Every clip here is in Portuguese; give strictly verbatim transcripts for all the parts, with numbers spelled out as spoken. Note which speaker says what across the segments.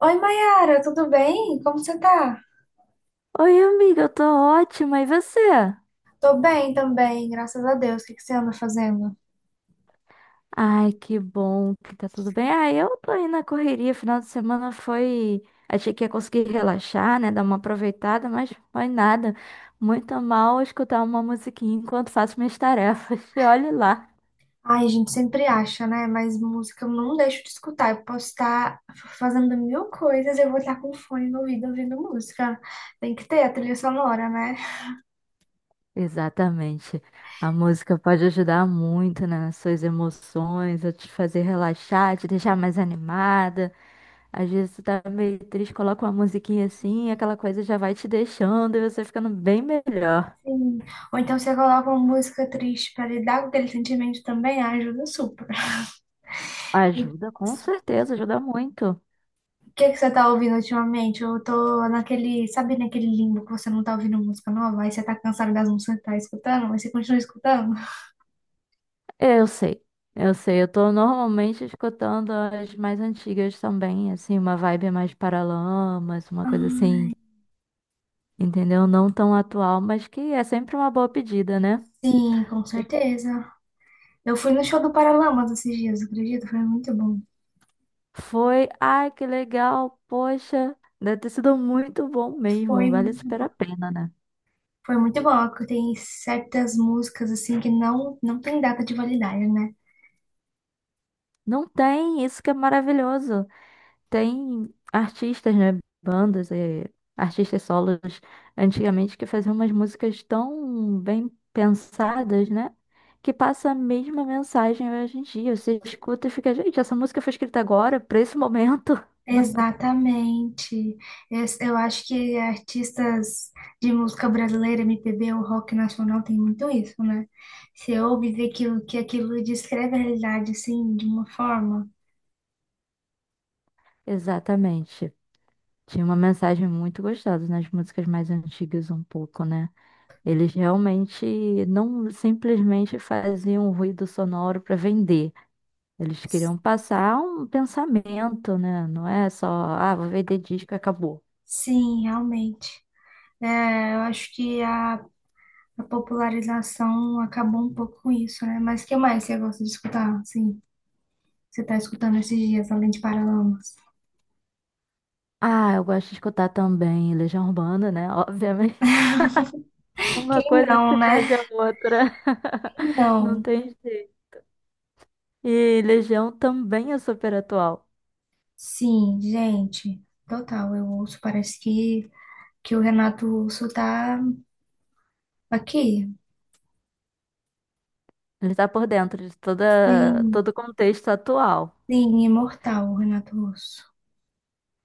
Speaker 1: Oi, Mayara, tudo bem? Como você tá?
Speaker 2: Oi, amiga, eu tô ótima. E você?
Speaker 1: Tô bem também, graças a Deus. O que que você anda fazendo?
Speaker 2: Ai, que bom que tá tudo bem. Ah, eu tô aí na correria. Final de semana foi. Achei que ia conseguir relaxar, né? Dar uma aproveitada, mas foi nada. Muito mal escutar uma musiquinha enquanto faço minhas tarefas. E olhe lá.
Speaker 1: Ai, a gente sempre acha, né? Mas música eu não deixo de escutar. Eu posso estar fazendo mil coisas, eu vou estar com fone no ouvido ouvindo música. Tem que ter a trilha sonora, né?
Speaker 2: Exatamente. A música pode ajudar muito, né, nas suas emoções, a te fazer relaxar, te deixar mais animada. Às vezes tu tá meio triste, coloca uma musiquinha assim, e aquela coisa já vai te deixando e você ficando bem melhor.
Speaker 1: Sim. Ou então você coloca uma música triste pra lidar com aquele sentimento também, ajuda super.
Speaker 2: Ajuda, com certeza, ajuda muito.
Speaker 1: O que que você tá ouvindo ultimamente? Eu tô naquele, sabe naquele limbo que você não tá ouvindo música nova, aí você tá cansado das músicas que tá escutando, mas você continua escutando?
Speaker 2: Eu sei, eu sei. Eu tô normalmente escutando as mais antigas também, assim, uma vibe mais Paralamas, uma coisa
Speaker 1: Ah,
Speaker 2: assim, entendeu? Não tão atual, mas que é sempre uma boa pedida, né?
Speaker 1: sim, com certeza. Eu fui no show do Paralamas esses dias, acredito, foi muito bom.
Speaker 2: Foi, ai, que legal, poxa, deve ter sido muito bom mesmo,
Speaker 1: Foi
Speaker 2: vale
Speaker 1: muito
Speaker 2: super a
Speaker 1: bom.
Speaker 2: pena, né?
Speaker 1: Foi muito bom, porque tem certas músicas assim que não não tem data de validade, né?
Speaker 2: Não tem, isso que é maravilhoso. Tem artistas, né? Bandas, eh, artistas solos antigamente que faziam umas músicas tão bem pensadas, né? Que passa a mesma mensagem hoje em dia. Você escuta e fica, gente, essa música foi escrita agora, pra esse momento.
Speaker 1: Exatamente. Es- Eu acho que artistas de música brasileira, M P B ou rock nacional tem muito isso, né? Você ouve e vê que, o- que aquilo descreve a realidade, assim, de uma forma.
Speaker 2: Exatamente. Tinha uma mensagem muito gostosa nas músicas mais antigas, um pouco, né? Eles realmente não simplesmente faziam um ruído sonoro pra vender. Eles
Speaker 1: S-
Speaker 2: queriam passar um pensamento, né? Não é só, ah, vou vender disco e acabou.
Speaker 1: Sim, realmente. É, eu acho que a, a popularização acabou um pouco com isso, né? Mas o que mais você gosta de escutar? Sim, você está escutando esses dias, além de Paralamas?
Speaker 2: Ah, eu gosto de escutar também Legião Urbana, né? Obviamente. Uma
Speaker 1: Quem
Speaker 2: coisa
Speaker 1: não,
Speaker 2: se
Speaker 1: né?
Speaker 2: pede a outra. Não
Speaker 1: Não,
Speaker 2: tem jeito. E Legião também é super atual.
Speaker 1: sim, gente, total. Eu ouço, parece que que o Renato Russo tá aqui.
Speaker 2: Ele tá por dentro de toda,
Speaker 1: Sim,
Speaker 2: todo o contexto atual.
Speaker 1: sim, imortal, o Renato Russo.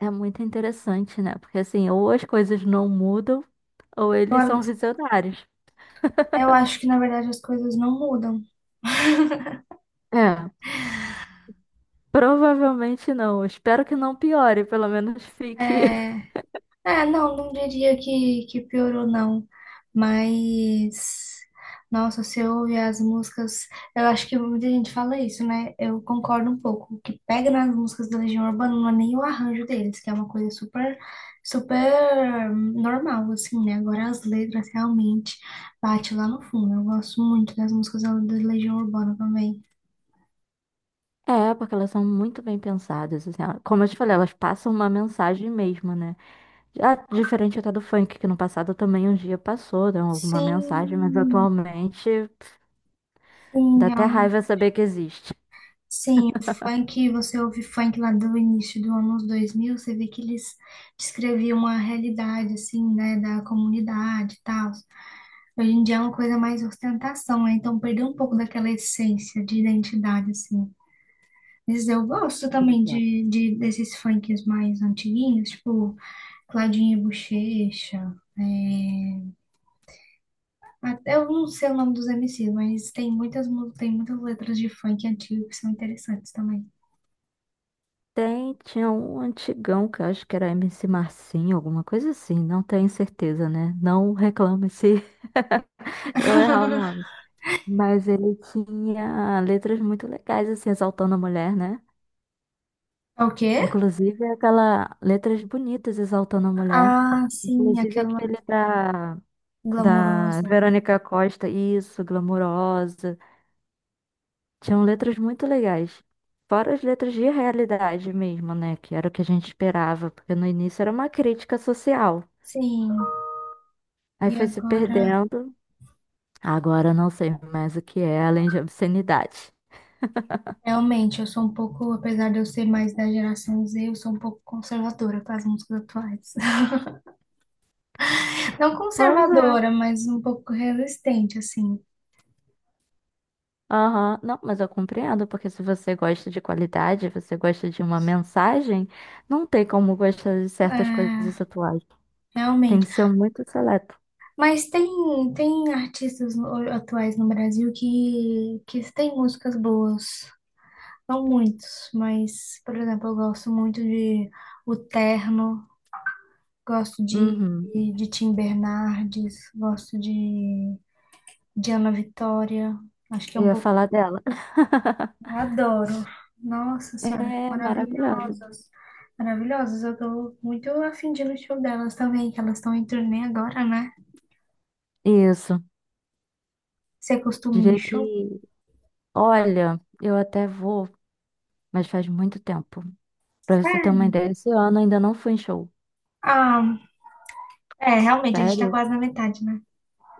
Speaker 2: É muito interessante, né? Porque assim, ou as coisas não mudam, ou eles
Speaker 1: Eu,
Speaker 2: são visionários.
Speaker 1: eu acho que, na verdade, as coisas não mudam.
Speaker 2: É, provavelmente não. Espero que não piore, pelo menos fique.
Speaker 1: É. É, não, não diria que, que piorou, não. Mas, nossa, se eu ouvir as músicas, eu acho que muita gente fala isso, né? Eu concordo um pouco. O que pega nas músicas da Legião Urbana não é nem o arranjo deles, que é uma coisa super, super normal, assim, né? Agora as letras realmente bate lá no fundo. Eu gosto muito das músicas da da Legião Urbana também.
Speaker 2: É, porque elas são muito bem pensadas, assim, ó. Como eu te falei, elas passam uma mensagem mesmo, né? Já diferente até do funk, que no passado também um dia passou, deu alguma mensagem, mas
Speaker 1: Sim,
Speaker 2: atualmente pff,
Speaker 1: sim,
Speaker 2: dá até
Speaker 1: realmente.
Speaker 2: raiva saber que existe.
Speaker 1: Sim, o funk, você ouve funk lá do início do anos dois mil você vê que eles descreviam uma realidade, assim, né, da comunidade e tal. Hoje em dia é uma coisa mais ostentação, né? Então perdeu um pouco daquela essência de identidade, assim. Mas eu gosto também
Speaker 2: Exato.
Speaker 1: de, de desses funks mais antiguinhos, tipo Claudinho e Buchecha, é, até eu não sei o nome dos M Cs, mas tem muitas, mu- tem muitas letras de funk antigo que são interessantes também.
Speaker 2: Tem, tinha um antigão que eu acho que era M C Marcinho, alguma coisa assim, não tenho certeza, né? Não reclame se eu errar o nome. Mas ele tinha letras muito legais, assim, exaltando a mulher, né?
Speaker 1: É? O quê?
Speaker 2: Inclusive aquela letras bonitas exaltando a mulher.
Speaker 1: Ah, sim,
Speaker 2: Inclusive
Speaker 1: aquela
Speaker 2: aquele da, da
Speaker 1: glamourosa.
Speaker 2: Verônica Costa, isso, Glamurosa. Tinham letras muito legais. Fora as letras de realidade mesmo, né? Que era o que a gente esperava, porque no início era uma crítica social.
Speaker 1: Sim.
Speaker 2: Aí
Speaker 1: E
Speaker 2: foi se
Speaker 1: agora,
Speaker 2: perdendo. Agora eu não sei mais o que é, além de obscenidade.
Speaker 1: realmente, eu sou um pouco, apesar de eu ser mais da geração Z, eu sou um pouco conservadora com as músicas atuais. Não
Speaker 2: Pois é.
Speaker 1: conservadora, mas um pouco resistente, assim.
Speaker 2: Aham, não, mas eu compreendo, porque se você gosta de qualidade, você gosta de uma mensagem, não tem como gostar de certas coisas
Speaker 1: É,
Speaker 2: atuais. Tem que
Speaker 1: realmente.
Speaker 2: ser muito seleto.
Speaker 1: Mas tem, tem artistas no- atuais no Brasil que, que têm músicas boas. Não muitos, mas, por exemplo, eu gosto muito de O Terno. Gosto de,
Speaker 2: Uhum.
Speaker 1: de Tim Bernardes, gosto de, de Ana Vitória. Acho que é
Speaker 2: Eu
Speaker 1: um
Speaker 2: ia
Speaker 1: pouco.
Speaker 2: falar dela.
Speaker 1: Eu adoro. Nossa Senhora, são
Speaker 2: É maravilhosa.
Speaker 1: maravilhosas. Maravilhosas. Eu tô muito afim de ir no show delas também, que elas estão em turnê agora, né?
Speaker 2: Isso.
Speaker 1: Você costuma ir em
Speaker 2: Diria
Speaker 1: show?
Speaker 2: que, olha, eu até vou, mas faz muito tempo. Pra você ter uma
Speaker 1: Sério?
Speaker 2: ideia, esse ano eu ainda não fui em show.
Speaker 1: Ah, é, realmente, a gente tá
Speaker 2: Sério?
Speaker 1: quase na metade, né?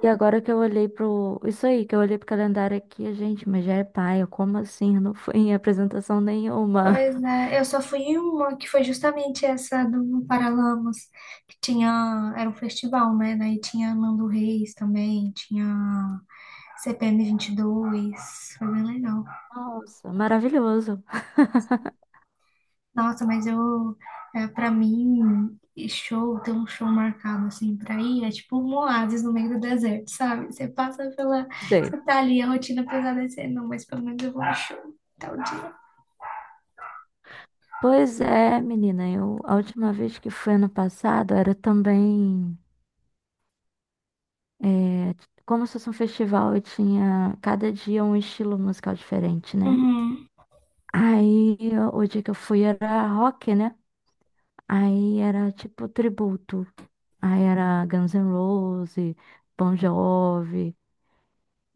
Speaker 2: E agora que eu olhei pro. Isso aí, que eu olhei pro calendário aqui, gente, mas já é paia. Como assim? Eu não fui em apresentação nenhuma.
Speaker 1: Pois é, eu só fui em uma que foi justamente essa do Paralamas, que tinha, era um festival, né? Daí tinha Nando Reis também, tinha C P M dois foi bem legal.
Speaker 2: Nossa, maravilhoso.
Speaker 1: Nossa, mas eu, é, pra mim, e show, ter um show marcado assim pra ir, é tipo um oásis no meio do deserto, sabe? Você passa pela,
Speaker 2: Sei.
Speaker 1: você tá ali, a rotina pesada é ser, não, mas pelo menos eu vou no show, tal dia.
Speaker 2: Pois é, menina, eu, a última vez que fui ano passado era também. É, como se fosse um festival, e tinha cada dia um estilo musical diferente, né?
Speaker 1: Uhum.
Speaker 2: Aí o dia que eu fui era rock, né? Aí era tipo tributo. Aí era Guns N' Roses, Bon Jovi.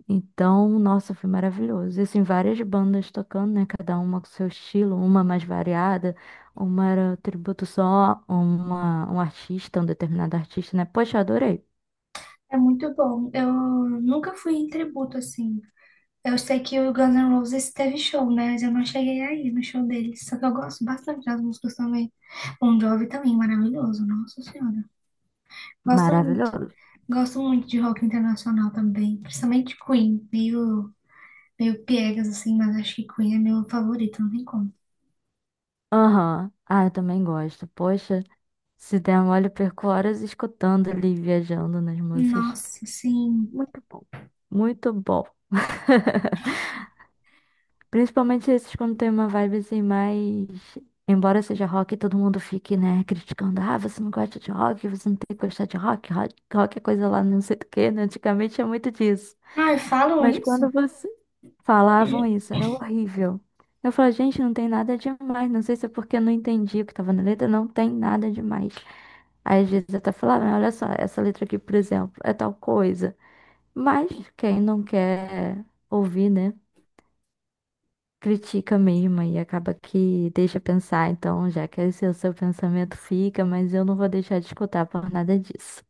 Speaker 2: Então, nossa, foi maravilhoso. E assim, várias bandas tocando, né? Cada uma com seu estilo, uma mais variada, uma era tributo só a uma, um artista, um determinado artista, né? Poxa, eu adorei.
Speaker 1: É muito bom. Eu nunca fui em tributo assim. Eu sei que o Guns N' Roses teve show, né? Mas eu não cheguei aí no show deles. Só que eu gosto bastante das músicas também. Bon Jovi também, maravilhoso. Nossa Senhora. Gosto muito.
Speaker 2: Maravilhoso.
Speaker 1: Gosto muito de rock internacional também. Principalmente Queen. Meio, meio piegas, assim, mas acho que Queen é meu favorito, não tem como.
Speaker 2: Aham. Ah, eu também gosto. Poxa. Se der mole, eu perco horas escutando ali, viajando nas músicas.
Speaker 1: Nossa, sim.
Speaker 2: Muito bom. Muito bom. Principalmente esses quando tem uma vibe assim mais. Embora seja rock, todo mundo fique, né, criticando. Ah, você não gosta de rock, você não tem que gostar de rock, rock, rock é coisa lá não sei do quê, né? Antigamente é muito disso.
Speaker 1: Ai, falam
Speaker 2: Mas
Speaker 1: isso?
Speaker 2: quando você falavam isso, era horrível. Eu falava, gente, não tem nada demais. Não sei se é porque eu não entendi o que tava na letra, não tem nada demais. Às vezes até falar, "Ah, olha só, essa letra aqui, por exemplo, é tal coisa. Mas quem não quer ouvir, né? Critica mesmo e acaba que deixa pensar. Então, já que esse é o seu pensamento, fica, mas eu não vou deixar de escutar por nada disso.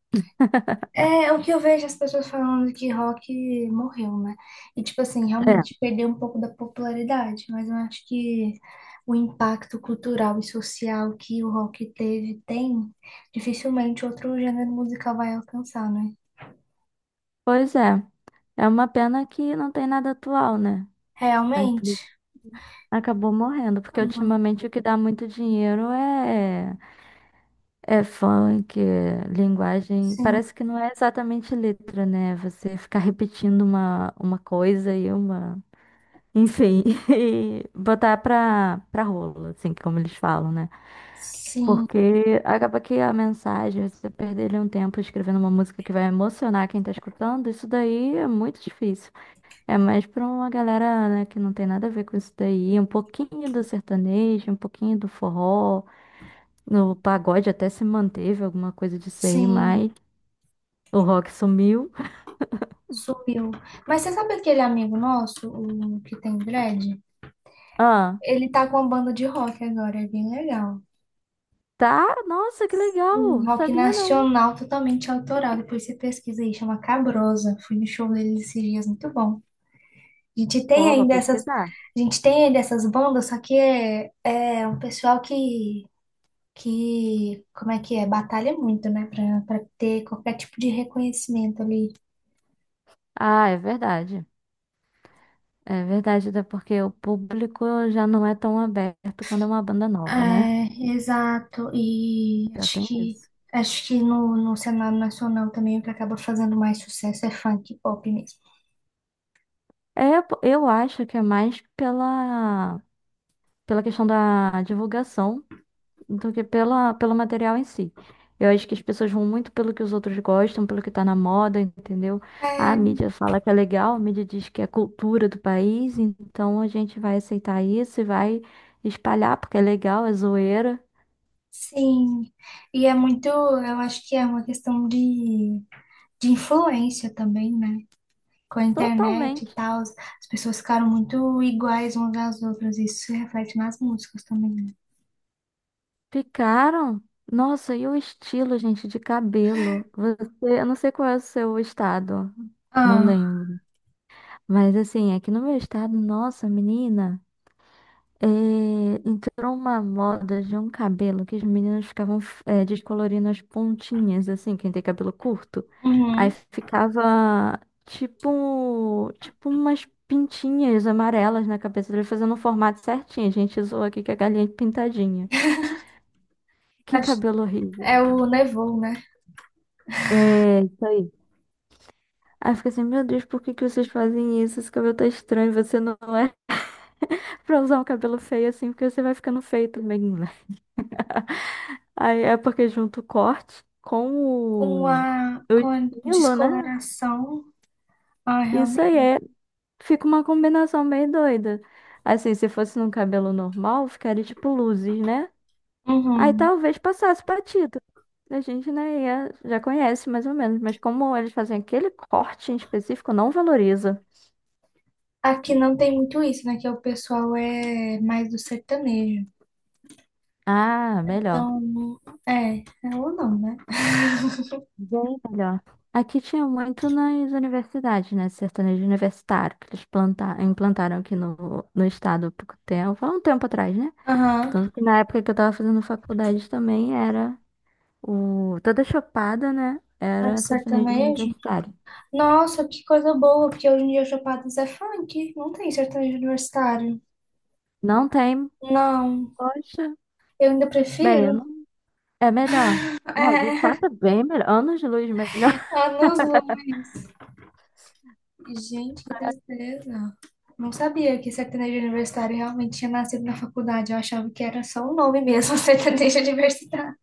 Speaker 1: É, é o que eu vejo as pessoas falando que rock morreu, né? E, tipo assim,
Speaker 2: É.
Speaker 1: realmente perdeu um pouco da popularidade, mas eu acho que o impacto cultural e social que o rock teve, tem, dificilmente outro gênero musical vai alcançar, né?
Speaker 2: Pois é, é uma pena que não tem nada atual, né? A
Speaker 1: Realmente?
Speaker 2: empresa acabou morrendo, porque
Speaker 1: Não.
Speaker 2: ultimamente o que dá muito dinheiro é é funk, é linguagem.
Speaker 1: Sim,
Speaker 2: Parece que não é exatamente letra, né? Você ficar repetindo uma, uma coisa e uma. Enfim, e botar pra, pra rolo, assim, como eles falam, né?
Speaker 1: sim,
Speaker 2: Porque acaba que a mensagem, você perder ali um tempo escrevendo uma música que vai emocionar quem tá escutando, isso daí é muito difícil. É mais pra uma galera, né, que não tem nada a ver com isso daí, um pouquinho do sertanejo, um pouquinho do forró. O pagode até se manteve, alguma coisa disso aí, mas
Speaker 1: sim,
Speaker 2: o rock sumiu.
Speaker 1: subiu. Mas você sabe aquele amigo nosso, o que tem dread?
Speaker 2: Ah,
Speaker 1: Ele tá com uma banda de rock agora, é bem legal.
Speaker 2: tá? Nossa, que
Speaker 1: Um
Speaker 2: legal!
Speaker 1: rock
Speaker 2: Sabia não.
Speaker 1: nacional totalmente autoral. Depois você pesquisa aí, chama Cabrosa. Fui no show dele esses dias, muito bom. A gente tem
Speaker 2: Pô, vou
Speaker 1: ainda essas,
Speaker 2: pesquisar.
Speaker 1: a gente tem ainda essas bandas, só que é, é um pessoal que, que, como é que é? Batalha muito, né? Pra, pra ter qualquer tipo de reconhecimento ali.
Speaker 2: Ah, é verdade. É verdade, até porque o público já não é tão aberto quando é uma banda
Speaker 1: É,
Speaker 2: nova, né?
Speaker 1: exato. E
Speaker 2: Já
Speaker 1: acho
Speaker 2: tem
Speaker 1: que,
Speaker 2: isso.
Speaker 1: acho que no, no cenário nacional também o que acaba fazendo mais sucesso é funk e pop mesmo.
Speaker 2: É, pô, eu acho que é mais pela, pela questão da divulgação do que pela, pelo material em si. Eu acho que as pessoas vão muito pelo que os outros gostam, pelo que tá na moda, entendeu? A mídia fala que é legal, a mídia diz que é cultura do país, então a gente vai aceitar isso e vai espalhar porque é legal, é zoeira.
Speaker 1: Sim, e é muito, eu acho que é uma questão de, de influência também, né? Com a internet e
Speaker 2: Totalmente.
Speaker 1: tal, as pessoas ficaram muito iguais umas às outras, isso se reflete nas músicas também, né?
Speaker 2: Ficaram. Nossa, e o estilo, gente, de cabelo? Você, eu não sei qual é o seu estado, não
Speaker 1: Ah.
Speaker 2: lembro. Mas assim, aqui no meu estado, nossa, menina. Eh, entrou uma moda de um cabelo que as meninas ficavam eh, descolorindo as pontinhas, assim, quem tem cabelo curto. Aí
Speaker 1: Uhum.
Speaker 2: ficava tipo, tipo umas pintinhas amarelas na cabeça dele, fazendo um formato certinho. A gente usou aqui que é galinha é pintadinha. Que
Speaker 1: Acho-
Speaker 2: cabelo horrível.
Speaker 1: É o Nevou, né?
Speaker 2: É, isso aí. Aí eu fico assim, meu Deus, por que que vocês fazem isso? Esse cabelo tá estranho, você não é pra usar um cabelo feio assim, porque você vai ficando feio também. Aí é porque junto o corte
Speaker 1: Com
Speaker 2: com o
Speaker 1: a, com a
Speaker 2: Milo, né?
Speaker 1: descoloração, ah,
Speaker 2: Isso aí
Speaker 1: realmente.
Speaker 2: é, fica uma combinação meio doida. Assim, se fosse num cabelo normal, ficaria tipo luzes, né? Aí
Speaker 1: Uhum.
Speaker 2: talvez passasse batido. A gente, né, ia- já conhece mais ou menos, mas como eles fazem aquele corte em específico, não valoriza.
Speaker 1: Aqui não tem muito isso, né? Que o pessoal é mais do sertanejo.
Speaker 2: Ah, melhor.
Speaker 1: Então, é, é ou não, né?
Speaker 2: Bem melhor. Aqui tinha muito nas universidades, né? Sertanejo universitário, que eles planta- implantaram aqui no, no estado há pouco tempo, há um tempo atrás, né?
Speaker 1: Aham.
Speaker 2: Tanto que na época que eu tava fazendo faculdade também era o... Toda chopada, né?
Speaker 1: É
Speaker 2: Era sertanejo
Speaker 1: sertanejo.
Speaker 2: universitário.
Speaker 1: Nossa, que coisa boa, porque hoje em dia Chapadas é funk, não tem sertanejo universitário.
Speaker 2: Não tem,
Speaker 1: Não,
Speaker 2: poxa,
Speaker 1: eu ainda
Speaker 2: bem, eu não...
Speaker 1: prefiro.
Speaker 2: é melhor. Não, de
Speaker 1: É,
Speaker 2: fato é bem melhor. Anos de luz melhor.
Speaker 1: anos luz. Gente, que tristeza. Não sabia que sertanejo universitário realmente tinha nascido na faculdade. Eu achava que era só um nome mesmo, sertanejo universitário.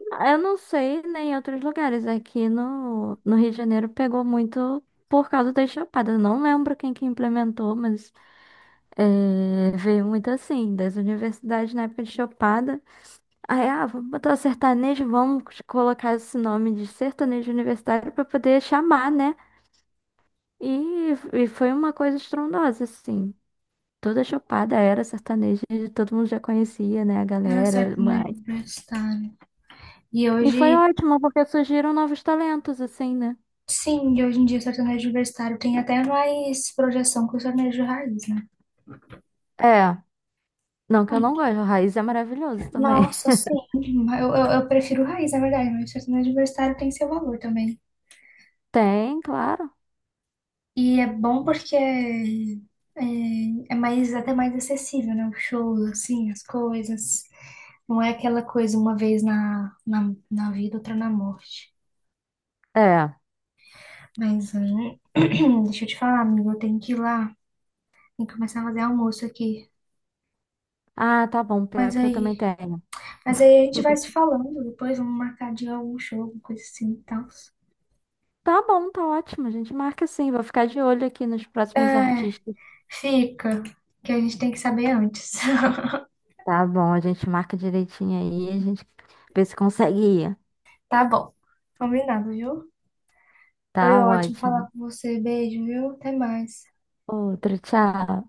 Speaker 2: Eu não sei nem em outros lugares. Aqui no, no Rio de Janeiro pegou muito por causa das chapadas. Não lembro quem que implementou, mas é, veio muito assim, das universidades na época de chapada. Aí, ah, vamos botar sertanejo, vamos colocar esse nome de sertanejo universitário para poder chamar, né? E, e foi uma coisa estrondosa, assim. Toda chopada era sertaneja, e todo mundo já conhecia, né, a
Speaker 1: Era
Speaker 2: galera.
Speaker 1: sertanejo
Speaker 2: Mas...
Speaker 1: universitário. E
Speaker 2: E foi
Speaker 1: hoje,
Speaker 2: ótimo, porque surgiram novos talentos, assim, né?
Speaker 1: sim, hoje em dia sertanejo universitário tem até mais projeção que o sertanejo raiz, né?
Speaker 2: É, não que eu não
Speaker 1: Ah.
Speaker 2: goste, o Raiz é maravilhoso também.
Speaker 1: Nossa, sim. Eu, eu, eu prefiro raiz, na verdade, mas sertanejo universitário tem seu valor também.
Speaker 2: Tem, claro.
Speaker 1: E é bom porque é, é é mais, até mais acessível, né? O show, assim, as coisas. Não é aquela coisa uma vez na, na, na vida, outra na morte.
Speaker 2: É.
Speaker 1: Mas, hein, deixa eu te falar, amigo, eu tenho que ir lá. Tem que começar a fazer almoço aqui.
Speaker 2: Ah, tá bom, pior é
Speaker 1: Mas
Speaker 2: que eu também
Speaker 1: aí,
Speaker 2: tenho.
Speaker 1: mas aí a gente vai se falando. Depois vamos marcar de algum show, alguma coisa assim e tal.
Speaker 2: Tá bom, tá ótimo, a gente marca sim. Vou ficar de olho aqui nos próximos
Speaker 1: É.
Speaker 2: artistas.
Speaker 1: Fica, que a gente tem que saber antes.
Speaker 2: Tá bom, a gente marca direitinho aí, a gente vê se consegue ir.
Speaker 1: Tá bom, combinado, viu? Foi
Speaker 2: Tá
Speaker 1: ótimo
Speaker 2: ótimo.
Speaker 1: falar com você. Beijo, viu? Até mais.
Speaker 2: Outro, tchau.